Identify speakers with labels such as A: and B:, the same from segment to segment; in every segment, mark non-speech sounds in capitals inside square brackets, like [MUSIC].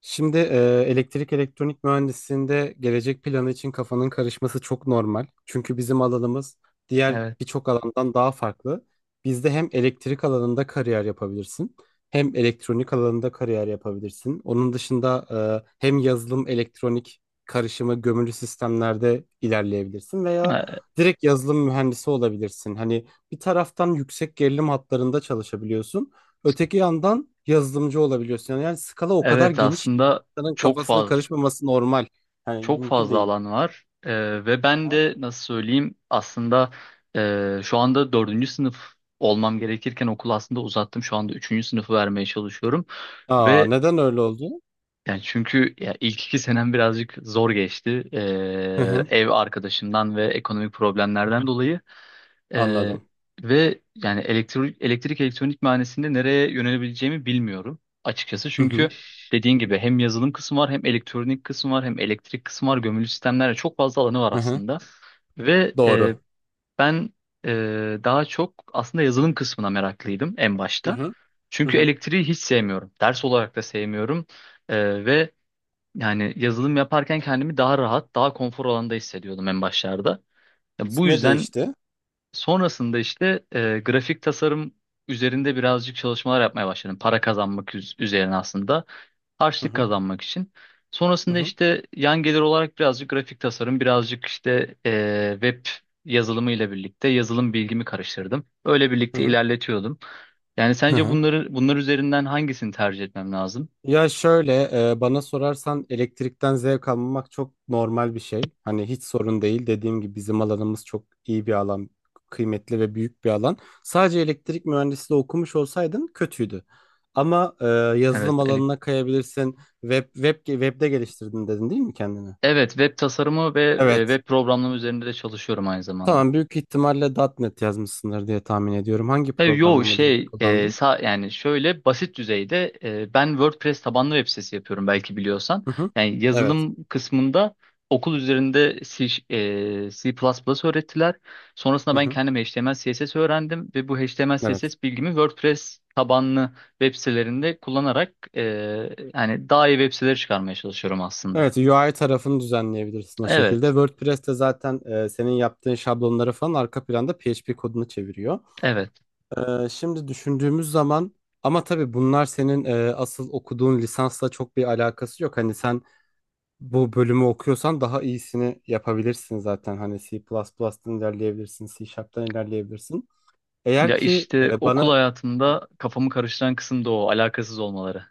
A: Şimdi elektrik elektronik mühendisliğinde gelecek planı için kafanın karışması çok normal. Çünkü bizim alanımız diğer
B: Evet.
A: birçok alandan daha farklı. Bizde hem elektrik alanında kariyer yapabilirsin, hem elektronik alanında kariyer yapabilirsin. Onun dışında hem yazılım elektronik karışımı gömülü sistemlerde ilerleyebilirsin veya
B: E,
A: direkt yazılım mühendisi olabilirsin. Hani bir taraftan yüksek gerilim hatlarında çalışabiliyorsun. Öteki yandan yazılımcı olabiliyorsun. Yani skala o kadar
B: Evet
A: geniş ki
B: aslında
A: insanın
B: çok
A: kafasının
B: fazla
A: karışmaması normal. Yani mümkün değil.
B: alan var, ve ben
A: Aha.
B: de nasıl söyleyeyim aslında. Şu anda dördüncü sınıf olmam gerekirken okulu aslında uzattım, şu anda üçüncü sınıfı vermeye çalışıyorum
A: Aa,
B: ve
A: neden öyle oldu?
B: yani çünkü ya ilk iki senem birazcık zor geçti,
A: Hı hı,
B: ev arkadaşımdan ve ekonomik problemlerden dolayı. Ee,
A: anladım.
B: Ve yani elektrik, elektrik elektronik mühendisliğinde nereye yönelebileceğimi bilmiyorum açıkçası.
A: Hı
B: Çünkü
A: hı,
B: dediğin gibi hem yazılım kısmı var, hem elektronik kısmı var, hem elektrik kısmı var. Gömülü sistemlerle çok fazla alanı var
A: hı hı,
B: aslında. Ve
A: doğru.
B: ben daha çok aslında yazılım kısmına meraklıydım en
A: Hı
B: başta.
A: hı, hı
B: Çünkü
A: hı.
B: elektriği hiç sevmiyorum. Ders olarak da sevmiyorum. Ve yani yazılım yaparken kendimi daha rahat, daha konfor alanda hissediyordum en başlarda. Ya bu
A: Ne
B: yüzden
A: değişti?
B: sonrasında işte grafik tasarım üzerinde birazcık çalışmalar yapmaya başladım. Para kazanmak üzerine aslında.
A: Hı
B: Harçlık
A: hı,
B: kazanmak için.
A: hı
B: Sonrasında
A: hı,
B: işte yan gelir olarak birazcık grafik tasarım, birazcık işte web yazılımı ile birlikte yazılım bilgimi karıştırdım. Öyle
A: hı
B: birlikte
A: hı.
B: ilerletiyordum. Yani
A: Hı
B: sence
A: hı.
B: bunlar üzerinden hangisini tercih etmem lazım?
A: Ya şöyle, bana sorarsan elektrikten zevk almamak çok normal bir şey. Hani hiç sorun değil. Dediğim gibi bizim alanımız çok iyi bir alan, kıymetli ve büyük bir alan. Sadece elektrik mühendisliği okumuş olsaydın kötüydü. Ama yazılım
B: Evet,
A: alanına kayabilirsin. Webde geliştirdin dedin değil mi kendini?
B: evet, web tasarımı ve
A: Evet.
B: web programlama üzerinde de çalışıyorum aynı zamanda.
A: Tamam, büyük ihtimalle .nokta .NET yazmışsındır diye tahmin ediyorum. Hangi
B: Tabii, yo,
A: programlama dilini
B: şey,
A: kullandın?
B: yani şöyle basit düzeyde, ben WordPress tabanlı web sitesi yapıyorum belki biliyorsan.
A: Hı hı.
B: Yani
A: Evet.
B: yazılım kısmında okul üzerinde C, C++ öğrettiler. Sonrasında
A: Hı
B: ben
A: hı.
B: kendim HTML CSS öğrendim ve bu HTML
A: Evet.
B: CSS bilgimi WordPress tabanlı web sitelerinde kullanarak, yani daha iyi web siteleri çıkarmaya çalışıyorum aslında.
A: Evet, UI tarafını düzenleyebilirsin o şekilde.
B: Evet,
A: WordPress'te zaten, senin yaptığın şablonları falan arka planda PHP kodunu çeviriyor.
B: evet.
A: Şimdi düşündüğümüz zaman ama tabii bunlar senin, asıl okuduğun lisansla çok bir alakası yok. Hani sen bu bölümü okuyorsan daha iyisini yapabilirsin zaten. Hani C++'dan ilerleyebilirsin, C Sharp'tan ilerleyebilirsin. Eğer
B: Ya
A: ki
B: işte okul
A: bana
B: hayatımda kafamı karıştıran kısım da o alakasız olmaları.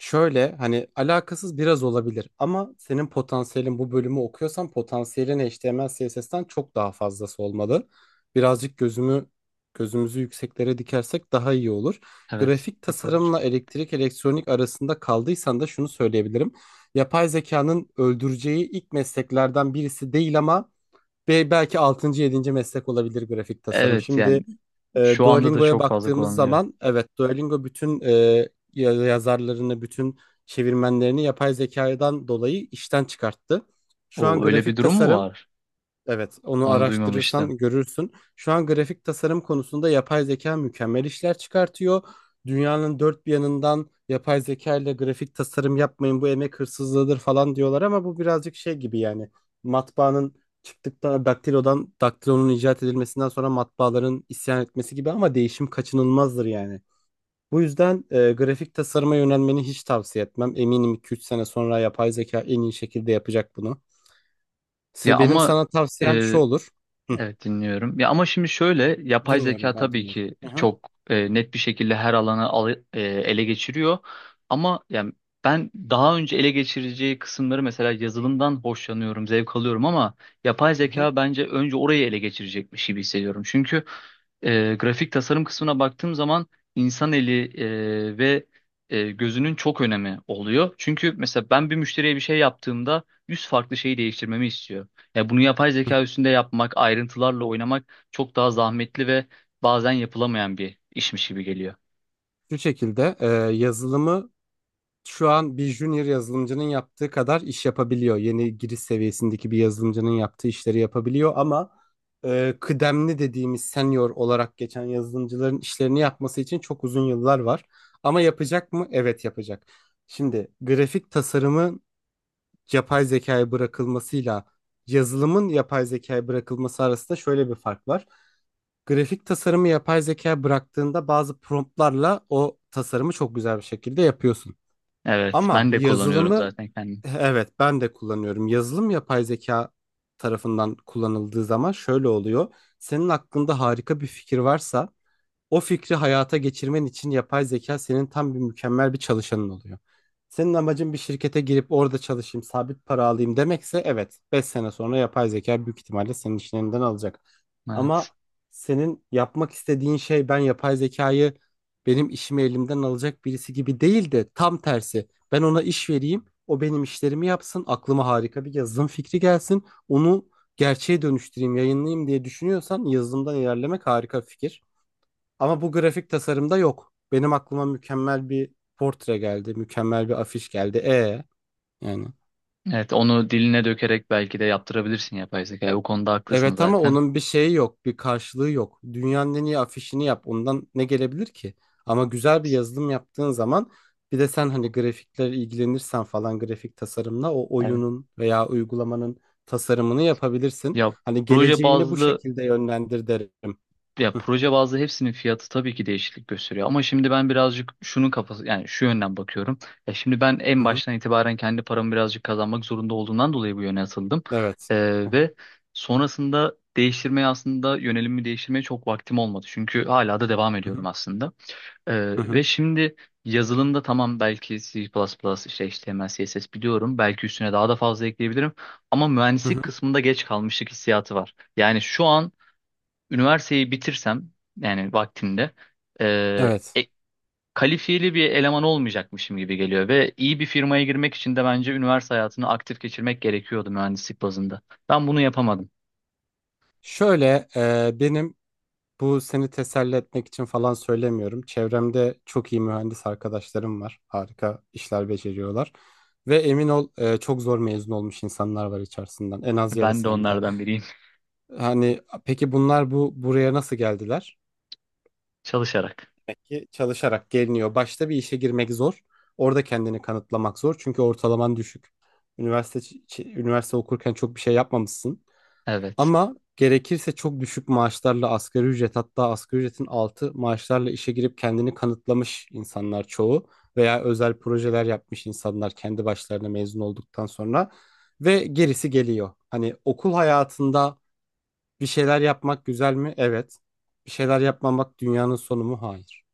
A: şöyle, hani alakasız biraz olabilir ama senin potansiyelin bu bölümü okuyorsan potansiyelin HTML CSS'ten çok daha fazlası olmalı. Birazcık gözümüzü yükseklere dikersek daha iyi olur.
B: Evet,
A: Grafik
B: yapabilirim.
A: tasarımla elektrik elektronik arasında kaldıysan da şunu söyleyebilirim. Yapay zekanın öldüreceği ilk mesleklerden birisi değil ama belki 6. 7. meslek olabilir grafik tasarım.
B: Evet,
A: Şimdi,
B: yani şu anda da
A: Duolingo'ya
B: çok fazla
A: baktığımız
B: kullanılıyor.
A: zaman evet, Duolingo bütün yazarlarını, bütün çevirmenlerini yapay zekadan dolayı işten çıkarttı. Şu an
B: O öyle bir
A: grafik
B: durum mu
A: tasarım.
B: var?
A: Evet, onu
B: Onu duymamıştım.
A: araştırırsan görürsün. Şu an grafik tasarım konusunda yapay zeka mükemmel işler çıkartıyor. Dünyanın dört bir yanından yapay zeka ile grafik tasarım yapmayın, bu emek hırsızlığıdır falan diyorlar ama bu birazcık şey gibi, yani matbaanın çıktıktan daktilodan daktilonun icat edilmesinden sonra matbaaların isyan etmesi gibi, ama değişim kaçınılmazdır yani. Bu yüzden, grafik tasarıma yönelmeni hiç tavsiye etmem. Eminim 2 üç sene sonra yapay zeka en iyi şekilde yapacak bunu.
B: Ya
A: Benim
B: ama
A: sana tavsiyem şu olur. Hı.
B: evet, dinliyorum. Ya ama şimdi şöyle, yapay zeka
A: Dinliyorum, ben
B: tabii
A: dinliyorum.
B: ki
A: Hı hı.
B: çok net bir şekilde her alanı ele geçiriyor. Ama yani ben daha önce ele geçireceği kısımları, mesela yazılımdan hoşlanıyorum, zevk alıyorum ama yapay
A: Hı hı.
B: zeka bence önce orayı ele geçirecekmiş gibi hissediyorum. Çünkü grafik tasarım kısmına baktığım zaman insan eli ve gözünün çok önemi oluyor. Çünkü mesela ben bir müşteriye bir şey yaptığımda 100 farklı şeyi değiştirmemi istiyor. Ya bunu yapay zeka üstünde yapmak, ayrıntılarla oynamak çok daha zahmetli ve bazen yapılamayan bir işmiş gibi geliyor.
A: Şu şekilde, yazılımı şu an bir junior yazılımcının yaptığı kadar iş yapabiliyor. Yeni giriş seviyesindeki bir yazılımcının yaptığı işleri yapabiliyor ama, kıdemli dediğimiz senior olarak geçen yazılımcıların işlerini yapması için çok uzun yıllar var. Ama yapacak mı? Evet, yapacak. Şimdi grafik tasarımın yapay zekaya bırakılmasıyla yazılımın yapay zekaya bırakılması arasında şöyle bir fark var. Grafik tasarımı yapay zeka bıraktığında bazı promptlarla o tasarımı çok güzel bir şekilde yapıyorsun.
B: Evet,
A: Ama
B: ben de kullanıyorum
A: yazılımı,
B: zaten kendim.
A: evet ben de kullanıyorum. Yazılım yapay zeka tarafından kullanıldığı zaman şöyle oluyor. Senin aklında harika bir fikir varsa o fikri hayata geçirmen için yapay zeka senin tam mükemmel bir çalışanın oluyor. Senin amacın bir şirkete girip orada çalışayım, sabit para alayım demekse evet, 5 sene sonra yapay zeka büyük ihtimalle senin işin elinden alacak.
B: Evet.
A: Ama senin yapmak istediğin şey ben yapay zekayı benim işimi elimden alacak birisi gibi değil de tam tersi. Ben ona iş vereyim. O benim işlerimi yapsın. Aklıma harika bir yazılım fikri gelsin. Onu gerçeğe dönüştüreyim, yayınlayayım diye düşünüyorsan yazılımdan ilerlemek harika bir fikir. Ama bu grafik tasarımda yok. Benim aklıma mükemmel bir portre geldi, mükemmel bir afiş geldi. Yani,
B: Evet, onu diline dökerek belki de yaptırabilirsin yapay zeka. O konuda haklısın
A: evet ama
B: zaten.
A: onun bir şeyi yok, bir karşılığı yok. Dünyanın en iyi afişini yap. Ondan ne gelebilir ki? Ama güzel bir yazılım yaptığın zaman, bir de sen hani grafikler ilgilenirsen falan grafik tasarımla o
B: Evet.
A: oyunun veya uygulamanın tasarımını yapabilirsin.
B: Ya
A: Hani
B: proje
A: geleceğini bu
B: bazlı
A: şekilde yönlendir derim.
B: Ya
A: Hı
B: proje bazlı hepsinin fiyatı tabii ki değişiklik gösteriyor ama şimdi ben birazcık şunun kafası, yani şu yönden bakıyorum. Ya şimdi ben en
A: hı. Hı.
B: baştan itibaren kendi paramı birazcık kazanmak zorunda olduğundan dolayı bu yöne atıldım.
A: Evet. Hı hı.
B: Ve sonrasında değiştirmeye aslında yönelimimi değiştirmeye çok vaktim olmadı. Çünkü hala da devam
A: Hı
B: ediyorum
A: hı.
B: aslında.
A: Hı
B: Ve
A: hı.
B: şimdi yazılımda tamam, belki C++, işte HTML, CSS biliyorum. Belki üstüne daha da fazla ekleyebilirim. Ama
A: Hı
B: mühendislik
A: hı.
B: kısmında geç kalmışlık hissiyatı var. Yani şu an üniversiteyi bitirsem yani vaktinde, e,
A: Evet.
B: e- kalifiyeli bir eleman olmayacakmışım gibi geliyor ve iyi bir firmaya girmek için de bence üniversite hayatını aktif geçirmek gerekiyordu mühendislik bazında. Ben bunu yapamadım.
A: Şöyle, e, benim bu seni teselli etmek için falan söylemiyorum. Çevremde çok iyi mühendis arkadaşlarım var. Harika işler beceriyorlar. Ve emin ol, çok zor mezun olmuş insanlar var içerisinden. En az
B: Ben de
A: yarısı hem de.
B: onlardan biriyim.
A: Hani peki bunlar buraya nasıl geldiler?
B: [LAUGHS] Çalışarak.
A: Demek ki çalışarak geliniyor. Başta bir işe girmek zor. Orada kendini kanıtlamak zor. Çünkü ortalaman düşük. Üniversite okurken çok bir şey yapmamışsın.
B: Evet.
A: Ama gerekirse çok düşük maaşlarla, asgari ücret, hatta asgari ücretin altı maaşlarla işe girip kendini kanıtlamış insanlar çoğu, veya özel projeler yapmış insanlar kendi başlarına mezun olduktan sonra, ve gerisi geliyor. Hani okul hayatında bir şeyler yapmak güzel mi? Evet. Bir şeyler yapmamak dünyanın sonu mu? Hayır.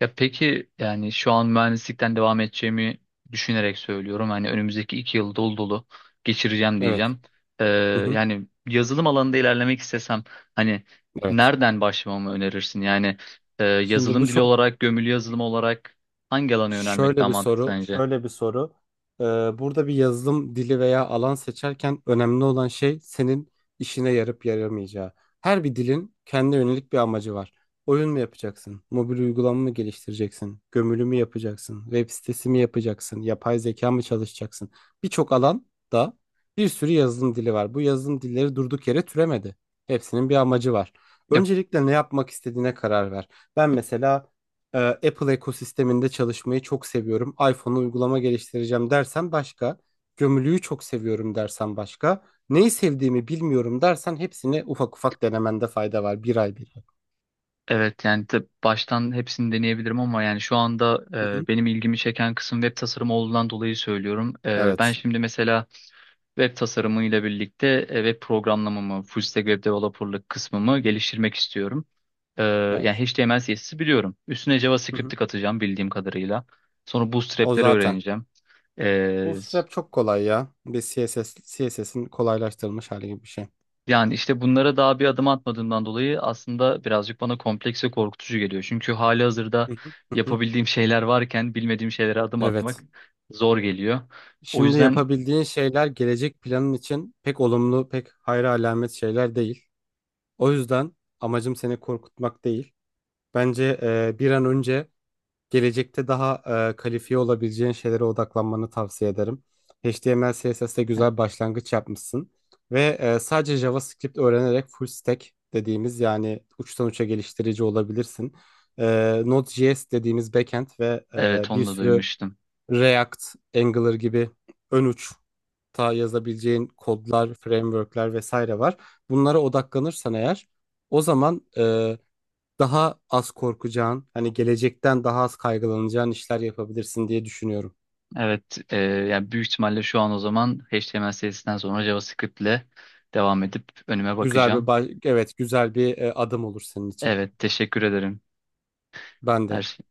B: Ya peki, yani şu an mühendislikten devam edeceğimi düşünerek söylüyorum. Hani önümüzdeki iki yıl dolu dolu geçireceğim
A: Evet.
B: diyeceğim. Ee,
A: Hı hı.
B: Yani yazılım alanında ilerlemek istesem hani
A: Evet.
B: nereden başlamamı önerirsin? Yani
A: Şimdi bu
B: yazılım dili
A: çok
B: olarak, gömülü yazılım olarak hangi alana yönelmek
A: Şöyle
B: daha
A: bir
B: mantıklı
A: soru,
B: sence?
A: şöyle bir soru. Ee, Burada bir yazılım dili veya alan seçerken önemli olan şey senin işine yarıp yaramayacağı. Her bir dilin kendine yönelik bir amacı var. Oyun mu yapacaksın? Mobil uygulama mı geliştireceksin? Gömülü mü yapacaksın? Web sitesi mi yapacaksın? Yapay zeka mı çalışacaksın? Birçok alanda bir sürü yazılım dili var. Bu yazılım dilleri durduk yere türemedi. Hepsinin bir amacı var.
B: Ya,
A: Öncelikle ne yapmak istediğine karar ver. Ben mesela, Apple ekosisteminde çalışmayı çok seviyorum. iPhone'a uygulama geliştireceğim dersen başka. Gömülüyü çok seviyorum dersen başka. Neyi sevdiğimi bilmiyorum dersen hepsini ufak ufak denemende fayda var. Bir ay.
B: evet yani baştan hepsini deneyebilirim ama yani şu anda
A: Hı hı.
B: benim ilgimi çeken kısım web tasarımı olduğundan dolayı söylüyorum. Ben
A: Evet.
B: şimdi mesela web tasarımıyla birlikte web programlamamı, full stack web developerlık kısmımı geliştirmek istiyorum. Yani
A: Evet.
B: HTML, CSS'i biliyorum. Üstüne
A: Hı hı.
B: JavaScript'i katacağım bildiğim kadarıyla. Sonra
A: O
B: Bootstrap'leri
A: zaten.
B: öğreneceğim. Ee,
A: Bootstrap çok kolay ya. Bir CSS'in kolaylaştırılmış hali gibi bir şey.
B: Yani işte bunlara daha bir adım atmadığımdan dolayı aslında birazcık bana kompleks ve korkutucu geliyor. Çünkü hali hazırda
A: Hı hı. Hı hı.
B: yapabildiğim şeyler varken bilmediğim şeylere adım
A: Evet.
B: atmak zor geliyor. O
A: Şimdi
B: yüzden
A: yapabildiğin şeyler gelecek planın için pek olumlu, pek hayra alamet şeyler değil. O yüzden amacım seni korkutmak değil. Bence, bir an önce gelecekte daha, kalifiye olabileceğin şeylere odaklanmanı tavsiye ederim. HTML, CSS'te güzel başlangıç yapmışsın. Ve, sadece JavaScript öğrenerek full stack dediğimiz, yani uçtan uça geliştirici olabilirsin. Node.js dediğimiz backend ve,
B: evet,
A: bir
B: onu da
A: sürü
B: duymuştum.
A: React, Angular gibi ön uç ta yazabileceğin kodlar, frameworkler vesaire var. Bunlara odaklanırsan eğer o zaman daha az korkacağın, hani gelecekten daha az kaygılanacağın işler yapabilirsin diye düşünüyorum.
B: Evet, yani büyük ihtimalle şu an o zaman HTML serisinden sonra JavaScript ile devam edip önüme bakacağım.
A: Güzel bir, adım olur senin için.
B: Evet, teşekkür ederim
A: Ben
B: her
A: de.
B: şey